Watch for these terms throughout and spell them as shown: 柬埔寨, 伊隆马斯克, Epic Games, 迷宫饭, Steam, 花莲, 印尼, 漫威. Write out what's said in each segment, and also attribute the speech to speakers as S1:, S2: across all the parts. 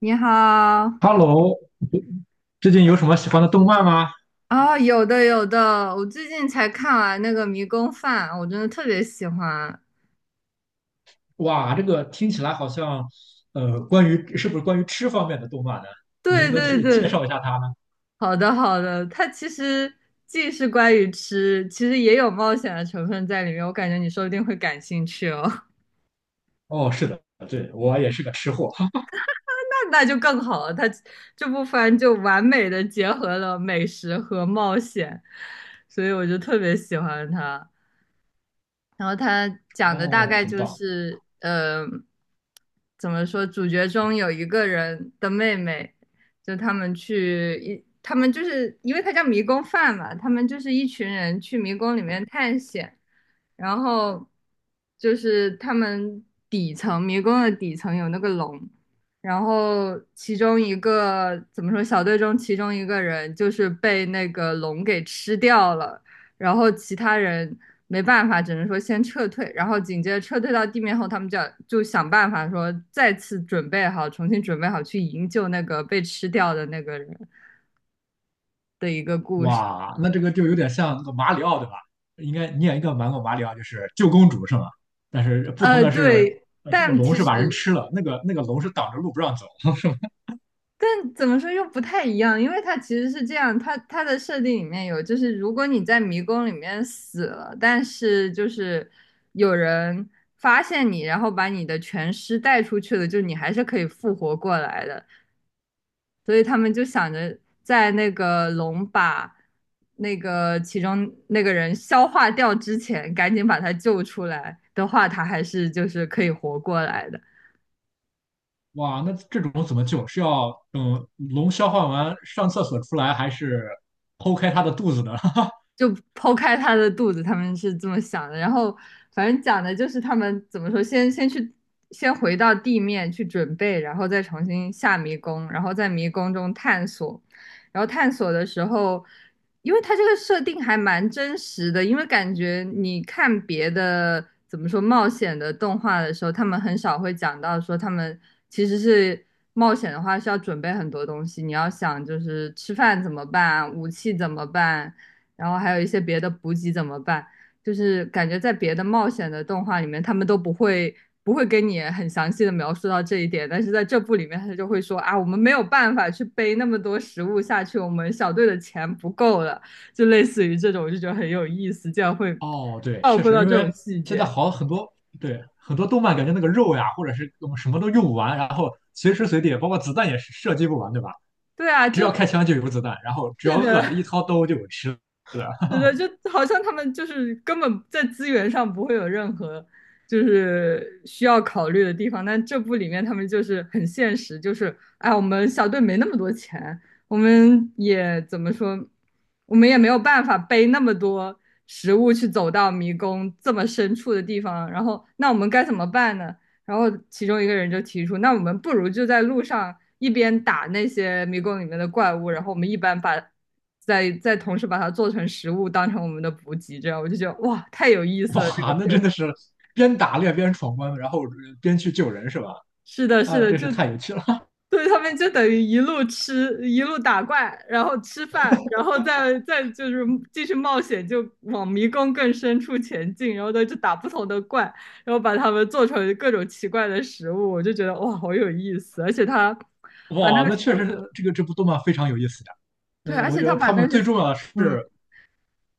S1: 你好。
S2: Hello，最近有什么喜欢的动漫吗？
S1: 有的有的，我最近才看完那个《迷宫饭》，我真的特别喜欢。
S2: 哇，这个听起来好像，关于吃方面的动漫呢？你能
S1: 对，
S2: 不
S1: 嗯，
S2: 能
S1: 对
S2: 介介
S1: 对。
S2: 绍一下它呢？
S1: 好的好的，它其实既是关于吃，其实也有冒险的成分在里面，我感觉你说不定会感兴趣哦。
S2: 哦，是的，对，我也是个吃货。
S1: 那就更好了，它这部番就完美的结合了美食和冒险，所以我就特别喜欢它。然后他讲的大
S2: 哦，
S1: 概
S2: 很
S1: 就
S2: 棒。
S1: 是，怎么说？主角中有一个人的妹妹，就他们去一，他们就是因为他叫迷宫饭嘛，他们就是一群人去迷宫里面探险，然后就是他们底层迷宫的底层有那个龙，然后其中一个怎么说？小队中其中一个人就是被那个龙给吃掉了。然后其他人没办法，只能说先撤退，然后紧接着撤退到地面后，他们就要就想办法说再次准备好，重新准备好去营救那个被吃掉的那个人的一个故事。
S2: 哇，那这个就有点像那个马里奥，对吧？你应该玩过马里奥，就是救公主是吗？但是不同的是，
S1: 对，
S2: 这个
S1: 但
S2: 龙
S1: 其
S2: 是把人
S1: 实
S2: 吃了，那个龙是挡着路不让走。
S1: 但怎么说又不太一样，因为它其实是这样，它的设定里面有，就是如果你在迷宫里面死了，但是就是有人发现你，然后把你的全尸带出去了，就你还是可以复活过来的。所以他们就想着在那个龙把那个其中那个人消化掉之前，赶紧把他救出来的话，他还是就是可以活过来的。
S2: 哇，那这种怎么救？是要等龙消化完上厕所出来，还是剖开它的肚子呢？
S1: 就剖开他的肚子，他们是这么想的。然后反正讲的就是他们怎么说，先回到地面去准备，然后再重新下迷宫，然后在迷宫中探索。然后探索的时候，因为它这个设定还蛮真实的，因为感觉你看别的怎么说冒险的动画的时候，他们很少会讲到说他们其实是冒险的话需要准备很多东西，你要想就是吃饭怎么办，武器怎么办，然后还有一些别的补给怎么办？就是感觉在别的冒险的动画里面，他们都不会跟你很详细的描述到这一点，但是在这部里面，他就会说啊，我们没有办法去背那么多食物下去，我们小队的钱不够了，就类似于这种，我就觉得很有意思，这样会
S2: 哦，对，
S1: 照
S2: 确
S1: 顾
S2: 实，
S1: 到
S2: 因
S1: 这
S2: 为
S1: 种细
S2: 现在
S1: 节。
S2: 好很多，对，很多动漫感觉那个肉呀，或者是嗯什么都用不完，然后随时随地，包括子弹也是射击不完，对吧？
S1: 对啊，
S2: 只
S1: 就
S2: 要开枪就有子弹，然后只
S1: 是
S2: 要
S1: 的，
S2: 饿，一掏兜就有吃的。
S1: 是的，就好像他们就是根本在资源上不会有任何就是需要考虑的地方，但这部里面他们就是很现实，就是哎，我们小队没那么多钱，我们也怎么说，我们也没有办法背那么多食物去走到迷宫这么深处的地方，然后那我们该怎么办呢？然后其中一个人就提出，那我们不如就在路上一边打那些迷宫里面的怪物，然后我们一边把再同时把它做成食物，当成我们的补给，这样我就觉得哇，太有意 思了这个
S2: 哇，那真
S1: 设
S2: 的是边打猎边闯关，然后边去救人，是吧？
S1: 是的，是
S2: 啊，
S1: 的，
S2: 真
S1: 就
S2: 是太有趣了。
S1: 对他们就等于一路吃，一路打怪，然后吃饭，然后再就是继续冒险，就往迷宫更深处前进，然后再就打不同的怪，然后把它们做成各种奇怪的食物，我就觉得哇，好有意思，而且他把那
S2: 哇，
S1: 个
S2: 那
S1: 食
S2: 确
S1: 物
S2: 实是这部动漫非常有意思。
S1: 对，
S2: 那
S1: 而
S2: 我
S1: 且
S2: 觉
S1: 他
S2: 得
S1: 把
S2: 他
S1: 那
S2: 们
S1: 个，
S2: 最重要的是
S1: 嗯，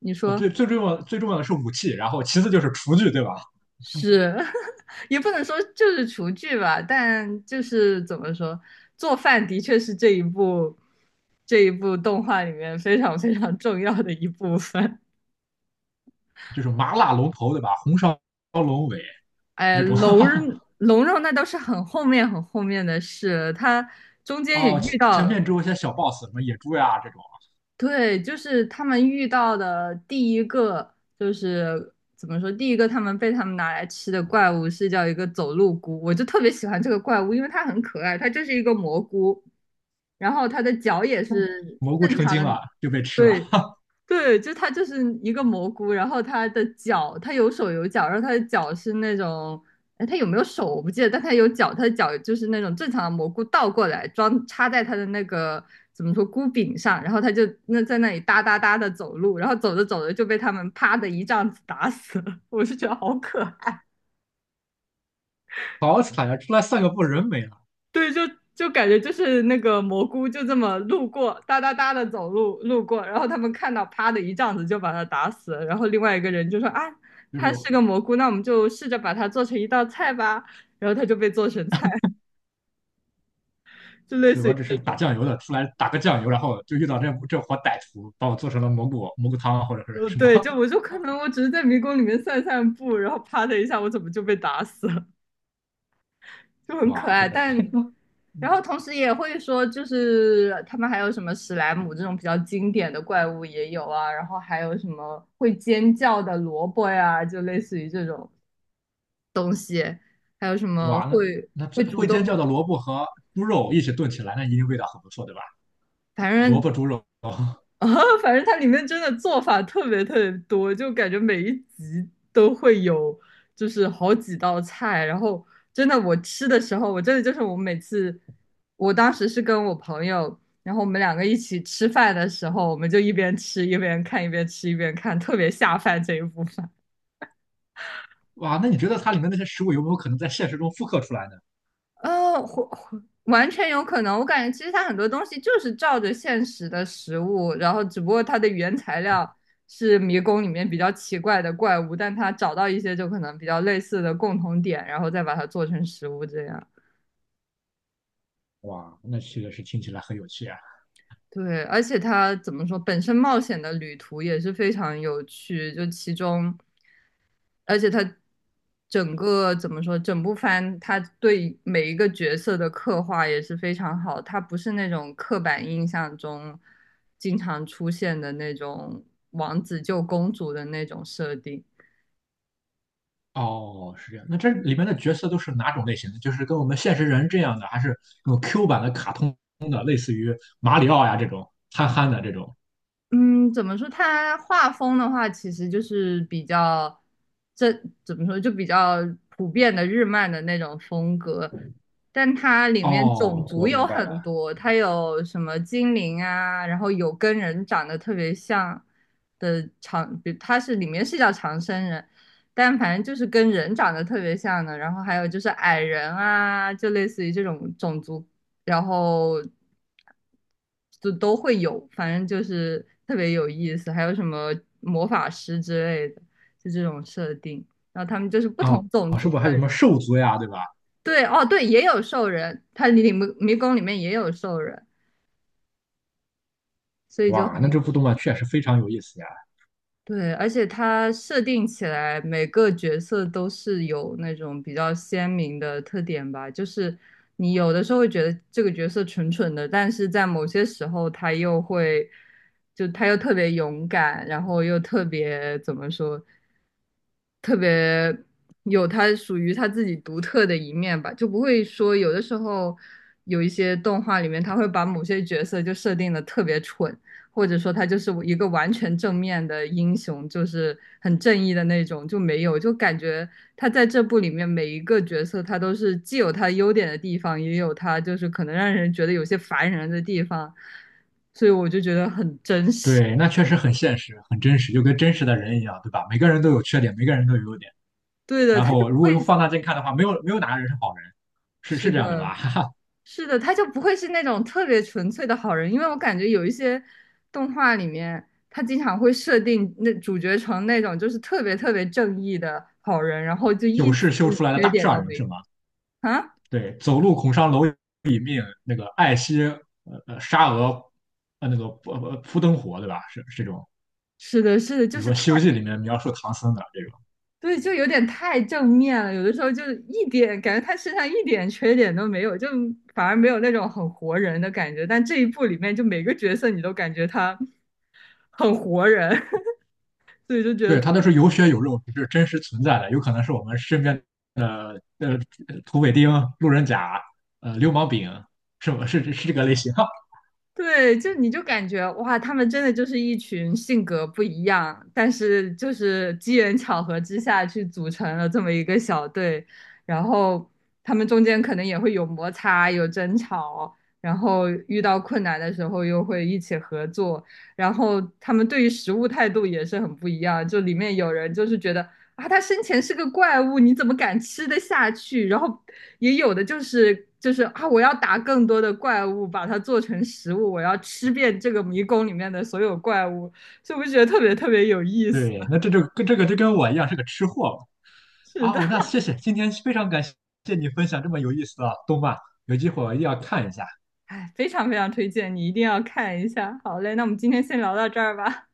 S1: 你
S2: 啊，
S1: 说。
S2: 最重要的是武器，然后其次就是厨具，对吧？
S1: 是，也不能说就是厨具吧，但就是怎么说，做饭的确是这一部动画里面非常非常重要的一部分。
S2: 就是麻辣龙头，对吧？红烧龙尾
S1: 哎，
S2: 这种。
S1: 龙 龙肉那都是很后面很后面的事，他中间也
S2: 哦，
S1: 遇
S2: 前
S1: 到，
S2: 面只有一些小 boss，什么野猪呀这种，
S1: 对，就是他们遇到的第一个就是怎么说，第一个他们被他们拿来吃的怪物是叫一个走路菇，我就特别喜欢这个怪物，因为它很可爱，它就是一个蘑菇。然后它的脚也是
S2: 蘑菇
S1: 正
S2: 成
S1: 常
S2: 精
S1: 的
S2: 了就被 吃了，
S1: 对对，就它就是一个蘑菇，然后它的脚，它有手有脚，然后它的脚是那种，哎，它有没有手我不记得，但它有脚，它的脚就是那种正常的蘑菇倒过来装插在它的那个怎么说菇柄上，然后它就那在那里哒哒哒的走路，然后走着走着就被他们啪的一杖子打死了，我是觉得好可爱。
S2: 好惨呀！出来散个步人没了，
S1: 对，就感觉就是那个蘑菇就这么路过，哒哒哒的走路路过，然后他们看到，啪的一杖子就把他打死了，然后另外一个人就说啊，
S2: 就是
S1: 它是个蘑菇，那我们就试着把它做成一道菜吧，然后它就被做成菜，就类
S2: 对
S1: 似
S2: 我
S1: 于
S2: 只
S1: 这
S2: 是打
S1: 种。
S2: 酱油的，出来打个酱油，然后就遇到这伙歹徒，把我做成了蘑菇汤或者是什么，
S1: 对，就我就可能我只是在迷宫里面散散步，然后啪的一下，我怎么就被打死了？就 很可
S2: 哇，
S1: 爱。
S2: 真的
S1: 但
S2: 是
S1: 然后同时也会说，就是他们还有什么史莱姆这种比较经典的怪物也有啊，然后还有什么会尖叫的萝卜呀、就类似于这种
S2: 哇，那
S1: 会
S2: 这
S1: 主
S2: 会尖叫
S1: 动，
S2: 的萝卜和猪肉一起炖起来，那一定味道很不错，对吧？
S1: 反
S2: 萝
S1: 正
S2: 卜猪肉，
S1: 啊，反正它里面真的做法特别特别多，就感觉每一集都会有，就是好几道菜。然后真的，我吃的时候，我真的就是我每次，我当时是跟我朋友，然后我们两个一起吃饭的时候，我们就一边吃一边看，一边吃一边看，特别下饭这一部分。
S2: 哇，那你觉得它里面那些食物有没有可能在现实中复刻出来呢？
S1: 或完全有可能。我感觉其实它很多东西就是照着现实的食物，然后只不过它的原材料是迷宫里面比较奇怪的怪物，但它找到一些就可能比较类似的共同点，然后再把它做成食物这样。
S2: 哇，那这个是听起来很有趣啊。
S1: 对，而且它怎么说，本身冒险的旅途也是非常有趣，就其中而且他整个怎么说，整部番他对每一个角色的刻画也是非常好，他不是那种刻板印象中经常出现的那种王子救公主的那种设定。
S2: 哦，是这样。那这里面的角色都是哪种类型的？就是跟我们现实人这样的，还是那种 Q 版的卡通的，类似于马里奥呀这种憨憨的这种？
S1: 嗯，怎么说？它画风的话，其实就是比较，这怎么说？就比较普遍的日漫的那种风格，但它里面种
S2: 哦，
S1: 族
S2: 我明
S1: 有
S2: 白
S1: 很
S2: 了。
S1: 多，它有什么精灵啊，然后有跟人长得特别像的长，比它是里面是叫长生人，但反正就是跟人长得特别像的，然后还有就是矮人啊，就类似于这种种族，然后就都会有，反正就是特别有意思。还有什么魔法师之类的，就这种设定。然后他们就是不
S2: 哦，
S1: 同种族
S2: 是不是还
S1: 的
S2: 有什么
S1: 人，
S2: 兽族呀，对吧？
S1: 对，哦，对，也有兽人，他里迷宫里面也有兽人，所以就很
S2: 哇，那这
S1: 有
S2: 部动漫确实非常有意思呀。
S1: 对，而且他设定起来每个角色都是有那种比较鲜明的特点吧，就是你有的时候会觉得这个角色蠢蠢的，但是在某些时候他又会，就他又特别勇敢，然后又特别怎么说，特别有他属于他自己独特的一面吧，就不会说有的时候有一些动画里面他会把某些角色就设定的特别蠢。或者说他就是一个完全正面的英雄，就是很正义的那种，就没有，就感觉他在这部里面每一个角色，他都是既有他优点的地方，也有他就是可能让人觉得有些烦人的地方，所以我就觉得很真实。
S2: 对，那确实很现实，很真实，就跟真实的人一样，对吧？每个人都有缺点，每个人都有优点。
S1: 对的，
S2: 然
S1: 他就
S2: 后
S1: 不
S2: 如果用
S1: 会，
S2: 放大镜看的话，没有哪个人是好人，是
S1: 是
S2: 是这样的吧？
S1: 的，
S2: 哈哈，
S1: 是的，他就不会是那种特别纯粹的好人，因为我感觉有一些动画里面，他经常会设定那主角成那种就是特别特别正义的好人，然后就一
S2: 有
S1: 丝
S2: 事修出来的
S1: 缺
S2: 大
S1: 点都
S2: 善人
S1: 没
S2: 是
S1: 有
S2: 吗？
S1: 啊。
S2: 对，走路恐伤蝼蚁命，那个爱惜沙俄呃那个呃扑灯火对吧？是是这种，
S1: 是的，是的，就
S2: 比如
S1: 是
S2: 说
S1: 太，
S2: 《西游记》里面描述唐僧的这种，
S1: 对，就有点太正面了，有的时候就是一点感觉他身上一点缺点都没有，就反而没有那种很活人的感觉。但这一部里面，就每个角色你都感觉他很活人，所以就觉得
S2: 对，他都
S1: 特。
S2: 是有血有肉，是真实存在的，有可能是我们身边的土匪丁、路人甲、流氓丙，是吧？是是这个类型。
S1: 对，就你就感觉哇，他们真的就是一群性格不一样，但是就是机缘巧合之下去组成了这么一个小队，然后他们中间可能也会有摩擦、有争吵，然后遇到困难的时候又会一起合作，然后他们对于食物态度也是很不一样，就里面有人就是觉得啊，他生前是个怪物，你怎么敢吃得下去？然后也有的就是就是啊，我要打更多的怪物，把它做成食物，我要吃遍这个迷宫里面的所有怪物，所不我觉得特别特别有意思。
S2: 对，那 这就跟我一样是个吃货嘛。
S1: 是的，
S2: 哦，那谢谢，今天非常感谢你分享这么有意思的动漫，有机会我一定要看一下。
S1: 哎，非常非常推荐，你一定要看一下。好嘞，那我们今天先聊到这儿吧，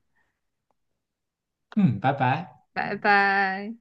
S2: 嗯，拜拜。
S1: 拜拜。